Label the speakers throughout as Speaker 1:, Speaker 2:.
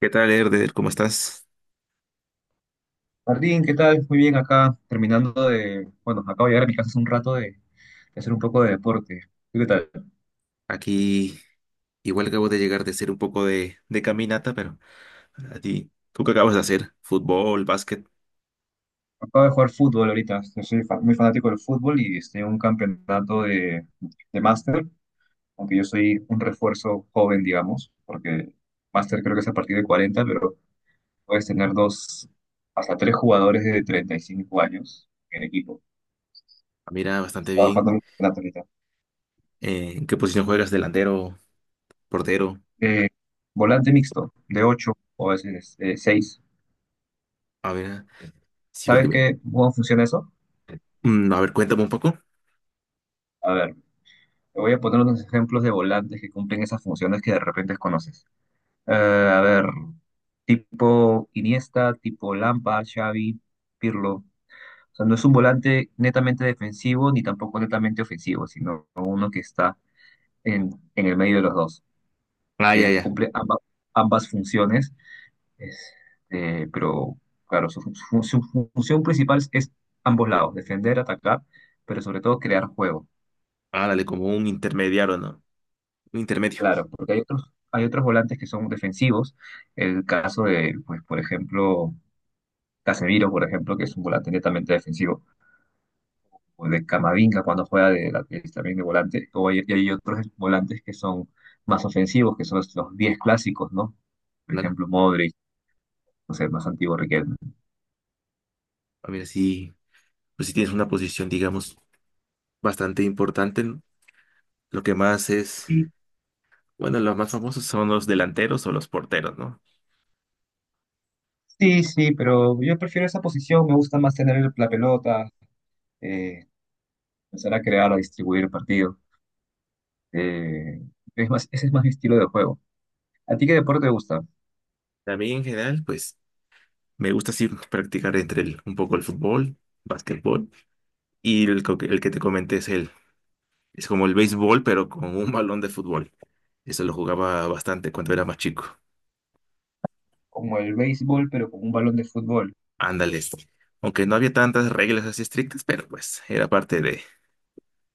Speaker 1: ¿Qué tal, Erder? ¿Cómo estás?
Speaker 2: Martín, ¿qué tal? Muy bien, acá terminando de, bueno, acabo de llegar a mi casa hace un rato de hacer un poco de deporte. ¿Tú qué tal?
Speaker 1: Aquí igual acabo de llegar de hacer un poco de caminata, pero a ti, ¿tú qué acabas de hacer? ¿Fútbol, básquet?
Speaker 2: Acabo de jugar fútbol ahorita, yo soy muy fanático del fútbol y estoy en un campeonato de máster, aunque yo soy un refuerzo joven, digamos, porque máster creo que es a partir de 40, pero puedes tener dos, hasta tres jugadores de 35 años en el equipo.
Speaker 1: Ah, mira, bastante
Speaker 2: Estaba
Speaker 1: bien.
Speaker 2: jugando en un campeonato ahorita.
Speaker 1: ¿En qué posición juegas? ¿Delantero? ¿Portero?
Speaker 2: Eh, Volante mixto, de 8 o a veces 6.
Speaker 1: A ver, ah, sí, porque
Speaker 2: ¿Sabes
Speaker 1: me-
Speaker 2: qué, cómo funciona eso?
Speaker 1: Mm, a ver, cuéntame un poco.
Speaker 2: A ver, te voy a poner unos ejemplos de volantes que cumplen esas funciones que de repente conoces. Eh, a ver, tipo Iniesta, tipo Lampa, Xavi, Pirlo. O sea, no es un volante netamente defensivo ni tampoco netamente ofensivo, sino uno que está en, en el medio de los dos,
Speaker 1: Ah, ya,
Speaker 2: que
Speaker 1: ya.
Speaker 2: cumple ambas funciones. Este, pero, claro, su función principal es ambos lados, defender, atacar, pero sobre todo crear juego.
Speaker 1: Ah, dale, como un intermediario, ¿no? Un intermedio,
Speaker 2: Claro, porque hay otros volantes que son defensivos. El caso de, pues, por ejemplo, Casemiro, por ejemplo, que es un volante netamente defensivo, o de Camavinga cuando juega de lateral también de volante, y hay otros volantes que son más ofensivos, que son los 10 clásicos, ¿no? Por
Speaker 1: ¿vale?
Speaker 2: ejemplo, Modric, no sé, más antiguo Riquelme.
Speaker 1: A ver, sí, pues si tienes una posición, digamos, bastante importante, ¿no? Lo que más es,
Speaker 2: Y
Speaker 1: bueno, los más famosos son los delanteros o los porteros, ¿no?
Speaker 2: sí, sí, pero yo prefiero esa posición, me gusta más tener la pelota, eh, empezar a crear, a distribuir el partido. eh, es más, ese es más mi estilo de juego. ¿A ti qué deporte te gusta?
Speaker 1: También en general, pues me gusta así practicar entre el- un poco el fútbol, básquetbol y el, co- el que te comenté es el, es como el béisbol, pero con un balón de fútbol. Eso lo jugaba bastante cuando era más chico.
Speaker 2: Como el béisbol, pero con un balón de fútbol.
Speaker 1: Ándale, esto. Aunque no había tantas reglas así estrictas, pero pues era parte de,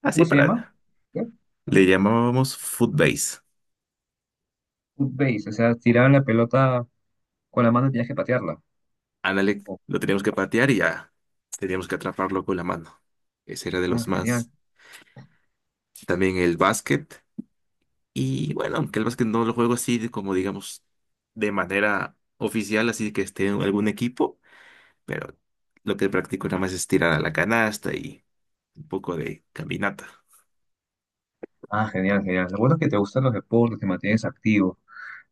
Speaker 1: así
Speaker 2: ¿Cómo se llama?
Speaker 1: para,
Speaker 2: ¿Qué?
Speaker 1: le llamábamos footbase.
Speaker 2: Foot base, o sea, tiraban la pelota con la mano y tenías que patearla.
Speaker 1: Ándale,
Speaker 2: Oh,
Speaker 1: lo teníamos que patear y ya teníamos que atraparlo con la mano. Ese era de
Speaker 2: ah,
Speaker 1: los
Speaker 2: genial.
Speaker 1: más. También el básquet. Y bueno, aunque el básquet no lo juego así de como digamos de manera oficial, así que esté en algún equipo, pero lo que practico nada más es tirar a la canasta y un poco de caminata.
Speaker 2: Ah, genial, genial. Lo bueno es que te gustan los deportes, te mantienes activo.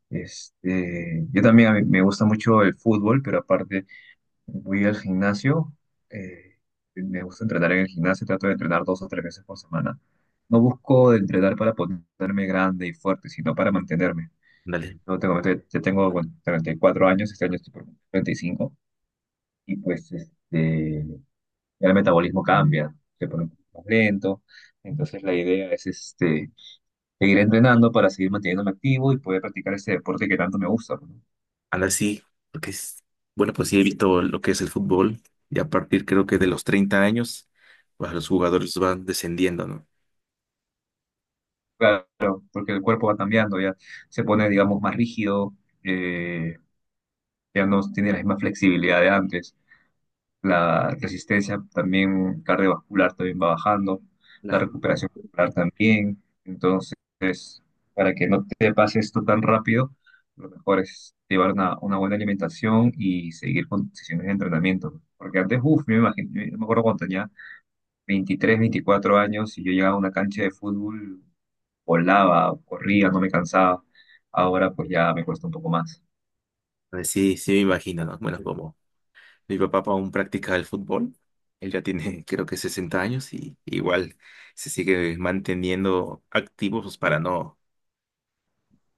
Speaker 2: Este, yo también a mí me gusta mucho el fútbol, pero aparte voy al gimnasio. eh, Me gusta entrenar en el gimnasio, trato de entrenar dos o tres veces por semana. No busco entrenar para ponerme grande y fuerte, sino para mantenerme.
Speaker 1: Dale,
Speaker 2: No tengo, ya tengo, bueno, 34 años, este año estoy por 35 y pues este, ya el metabolismo cambia, se pone un poco más lento. Entonces la idea es este, seguir entrenando para seguir manteniéndome activo y poder practicar ese deporte que tanto me gusta, ¿no?
Speaker 1: ahora sí, porque es, bueno, pues sí he visto lo que es el fútbol y a partir creo que de los 30 años, pues los jugadores van descendiendo, ¿no?
Speaker 2: Claro, porque el cuerpo va cambiando, ya se pone, digamos, más rígido, eh, ya no tiene la misma flexibilidad de antes. La resistencia también cardiovascular también va bajando, la
Speaker 1: La,
Speaker 2: recuperación muscular también. Entonces, para que no te pase esto tan rápido, lo mejor es llevar una buena alimentación y seguir con sesiones de entrenamiento. Porque antes, uff, me imagino, yo me acuerdo cuando tenía 23 24 años y yo llegaba a una cancha de fútbol, volaba, corría, no me cansaba. Ahora pues ya me cuesta un poco más.
Speaker 1: pues sí, sí me imagino, ¿no? Bueno, como mi papá aún practica el fútbol. Él ya tiene, creo que 60 años y igual se sigue manteniendo activo pues, para no,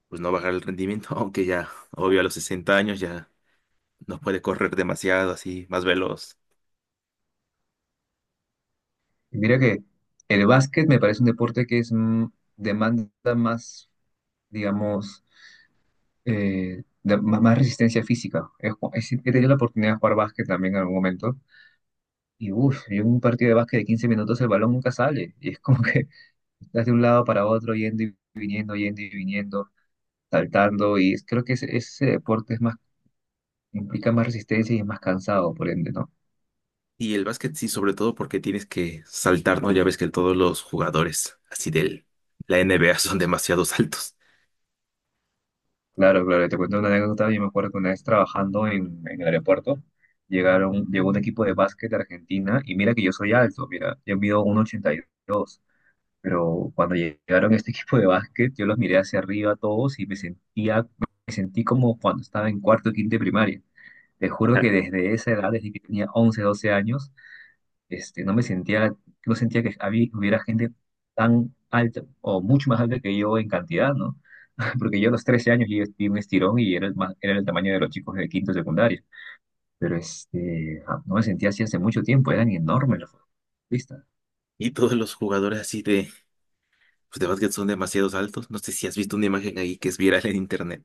Speaker 1: pues, no bajar el rendimiento, aunque ya, obvio, a los 60 años ya no puede correr demasiado, así, más veloz.
Speaker 2: Y mira que el básquet me parece un deporte que es demanda más digamos, más resistencia física. He, ju- he si- He tenido la oportunidad de jugar básquet también en algún momento. Y uff, yo en un partido de básquet de 15 minutos el balón nunca sale. Y es como que estás de un lado para otro, yendo y viniendo, saltando. Creo que ese deporte es más, implica más resistencia y es más cansado, por ende, ¿no?
Speaker 1: Y el básquet sí, sobre todo porque tienes que saltar, ¿no? Ya ves que todos los jugadores así de la NBA son demasiado altos.
Speaker 2: Claro, claro, te cuento una anécdota. Yo me acuerdo que una vez trabajando en el aeropuerto, llegó un equipo de básquet de Argentina. Y mira que yo soy alto, mira, yo mido 1,82. Pero cuando llegaron a este equipo de básquet, yo los miré hacia arriba a todos y me sentí como cuando estaba en cuarto o quinto de primaria. Te juro
Speaker 1: Ajá.
Speaker 2: que desde esa edad, desde que tenía 11 12 años, este, no sentía que había, hubiera gente tan alta o mucho más alta que yo en cantidad, ¿no? Porque yo a los 13 años yo di un estirón y era era el tamaño de los chicos de quinto de secundaria. Pero este, ah, no me sentía así hace mucho tiempo, eran enormes los futbolistas.
Speaker 1: Y todos los jugadores así de, pues, de básquet son demasiados altos. No sé si has visto una imagen ahí que es viral en internet.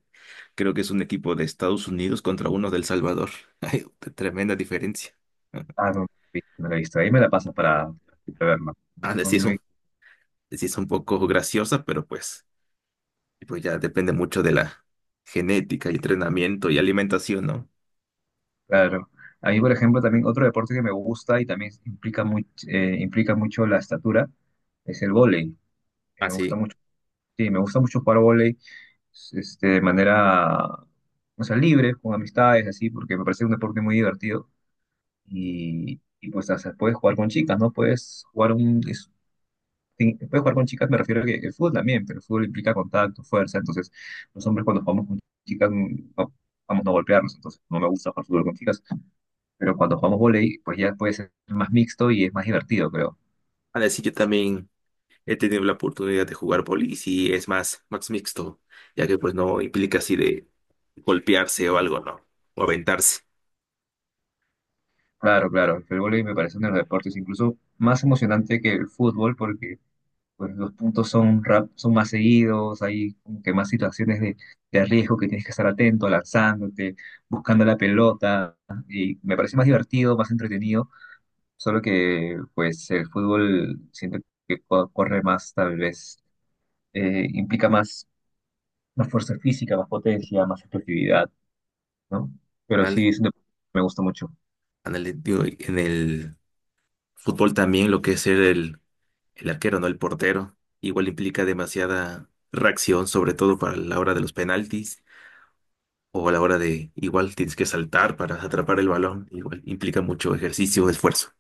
Speaker 1: Creo que es un equipo de Estados Unidos contra uno del Salvador. Hay tremenda diferencia.
Speaker 2: Ah, no, no la he visto. No la he visto. Ahí me la pasas para verla. No,
Speaker 1: Ah,
Speaker 2: no-
Speaker 1: sí es
Speaker 2: no hay-
Speaker 1: un, les es un poco graciosa, pero pues, pues ya depende mucho de la genética y entrenamiento y alimentación, ¿no?
Speaker 2: Claro. A mí, por ejemplo, también otro deporte que me gusta y también implica, implica mucho la estatura es el vóley. Me gusta
Speaker 1: Así.
Speaker 2: mucho, sí, me gusta mucho jugar vóley este, de manera, o sea, libre, con amistades, así, porque me parece un deporte muy divertido. Y pues, o sea, puedes jugar con chicas, ¿no? Puedes jugar un, es sí, puedes jugar con chicas, me refiero a que el fútbol también, pero el fútbol implica contacto, fuerza, entonces los hombres cuando jugamos con chicas no, vamos a no golpearnos, entonces no me gusta jugar fútbol con chicas, pero cuando jugamos vóley, pues ya puede ser más mixto y es más divertido, creo.
Speaker 1: A decir, yo también he tenido la oportunidad de jugar bolis y es más, más mixto, ya que pues no implica así de golpearse o algo, ¿no? O aventarse.
Speaker 2: Claro, claro, el vóley me parece uno de los deportes incluso más emocionante que el fútbol porque pues, los puntos son, rap, son más seguidos, hay como que más situaciones de riesgo que tienes que estar atento, lanzándote, buscando la pelota, y me parece más divertido, más entretenido. Solo que, pues, el fútbol siento que corre más, tal vez, implica más, más fuerza física, más potencia, más explosividad, ¿no? Pero sí,
Speaker 1: Ándale,
Speaker 2: es un deporte que me gusta mucho.
Speaker 1: ándale, digo, en el fútbol también lo que es ser el arquero, no el portero. Igual implica demasiada reacción, sobre todo para la hora de los penaltis o a la hora de igual tienes que saltar para atrapar el balón. Igual implica mucho ejercicio, esfuerzo.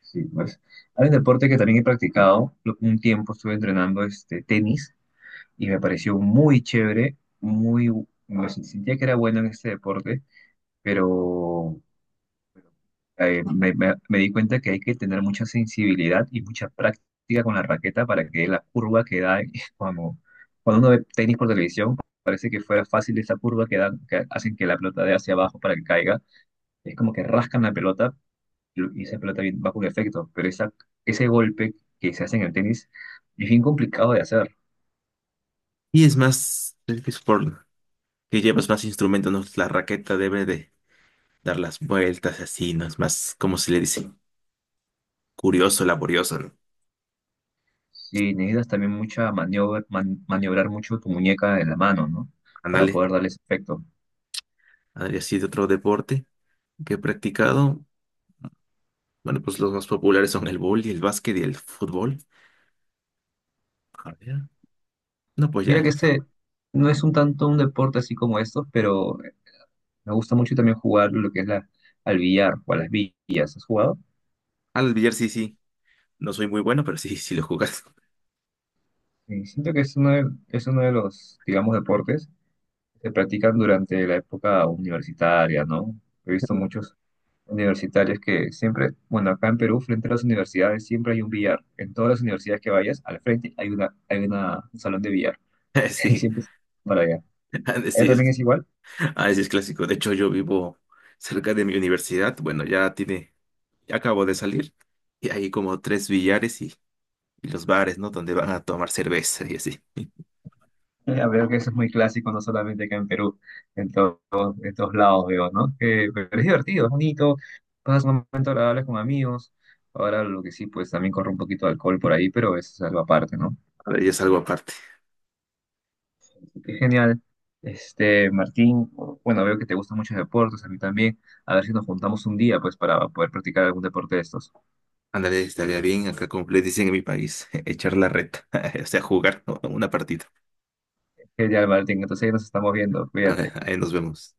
Speaker 2: Sí, pues. Hay un deporte que también he practicado. Un tiempo estuve entrenando este, tenis y me pareció muy chévere, muy, me sentía que era bueno en este deporte, pero me di cuenta que hay que tener mucha sensibilidad y mucha práctica con la raqueta para que la curva que da, cuando, cuando uno ve tenis por televisión, parece que fuera fácil esa curva que dan, que hacen que la pelota dé hacia abajo para que caiga. Es como que rascan la pelota y esa pelota va con efecto, pero esa, ese golpe que se hace en el tenis es bien complicado de hacer.
Speaker 1: Y es más, el que es por que llevas más instrumentos, ¿no? La raqueta debe de dar las vueltas así, ¿no? Es más, como se le dice? Curioso, laborioso, ¿no?
Speaker 2: Sí, necesitas también mucha maniobra, maniobrar mucho tu muñeca en la mano, ¿no? Para
Speaker 1: Ándale,
Speaker 2: poder darle ese efecto.
Speaker 1: ándale, así de otro deporte que he practicado. Bueno, pues los más populares son el y el básquet y el fútbol. A ver, no, pues
Speaker 2: Mira
Speaker 1: ya.
Speaker 2: que este no es un tanto un deporte así como estos, pero me gusta mucho también jugar lo que es la, al billar o a las villas. ¿Has jugado?
Speaker 1: Al billar sí, sí. No soy muy bueno, pero sí, sí lo jugas.
Speaker 2: Y siento que es uno de los, digamos, deportes que se practican durante la época universitaria, ¿no? He visto muchos universitarios que siempre, bueno, acá en Perú, frente a las universidades, siempre hay un billar. En todas las universidades que vayas, al frente hay una, un salón de billar. Y
Speaker 1: Sí,
Speaker 2: siempre es para allá.
Speaker 1: han de-
Speaker 2: ¿Allá
Speaker 1: sí
Speaker 2: también
Speaker 1: es,
Speaker 2: es igual?
Speaker 1: ah, sí es clásico. De hecho, yo vivo cerca de mi universidad. Bueno, ya tiene, ya acabo de salir. Y hay como 3 billares y los bares, ¿no? Donde van a tomar cerveza y así.
Speaker 2: Ya veo que eso es muy clásico, no solamente acá en Perú, en todos estos lados veo, ¿no? Que, pero es divertido, es bonito, pasas un momento agradable con amigos. Ahora lo que sí, pues también corre un poquito de alcohol por ahí, pero eso es algo aparte, ¿no?
Speaker 1: A ver, ya es algo aparte.
Speaker 2: Qué genial. Este, Martín, bueno, veo que te gustan muchos deportes, a mí también. A ver si nos juntamos un día, pues, para poder practicar algún deporte de estos.
Speaker 1: Ándale, estaría bien, acá como le dicen en mi país, echar la reta, o sea, jugar, ¿no?, una partida.
Speaker 2: Genial, Martín, entonces ahí nos estamos viendo, cuídate.
Speaker 1: Ahora, ahí nos vemos.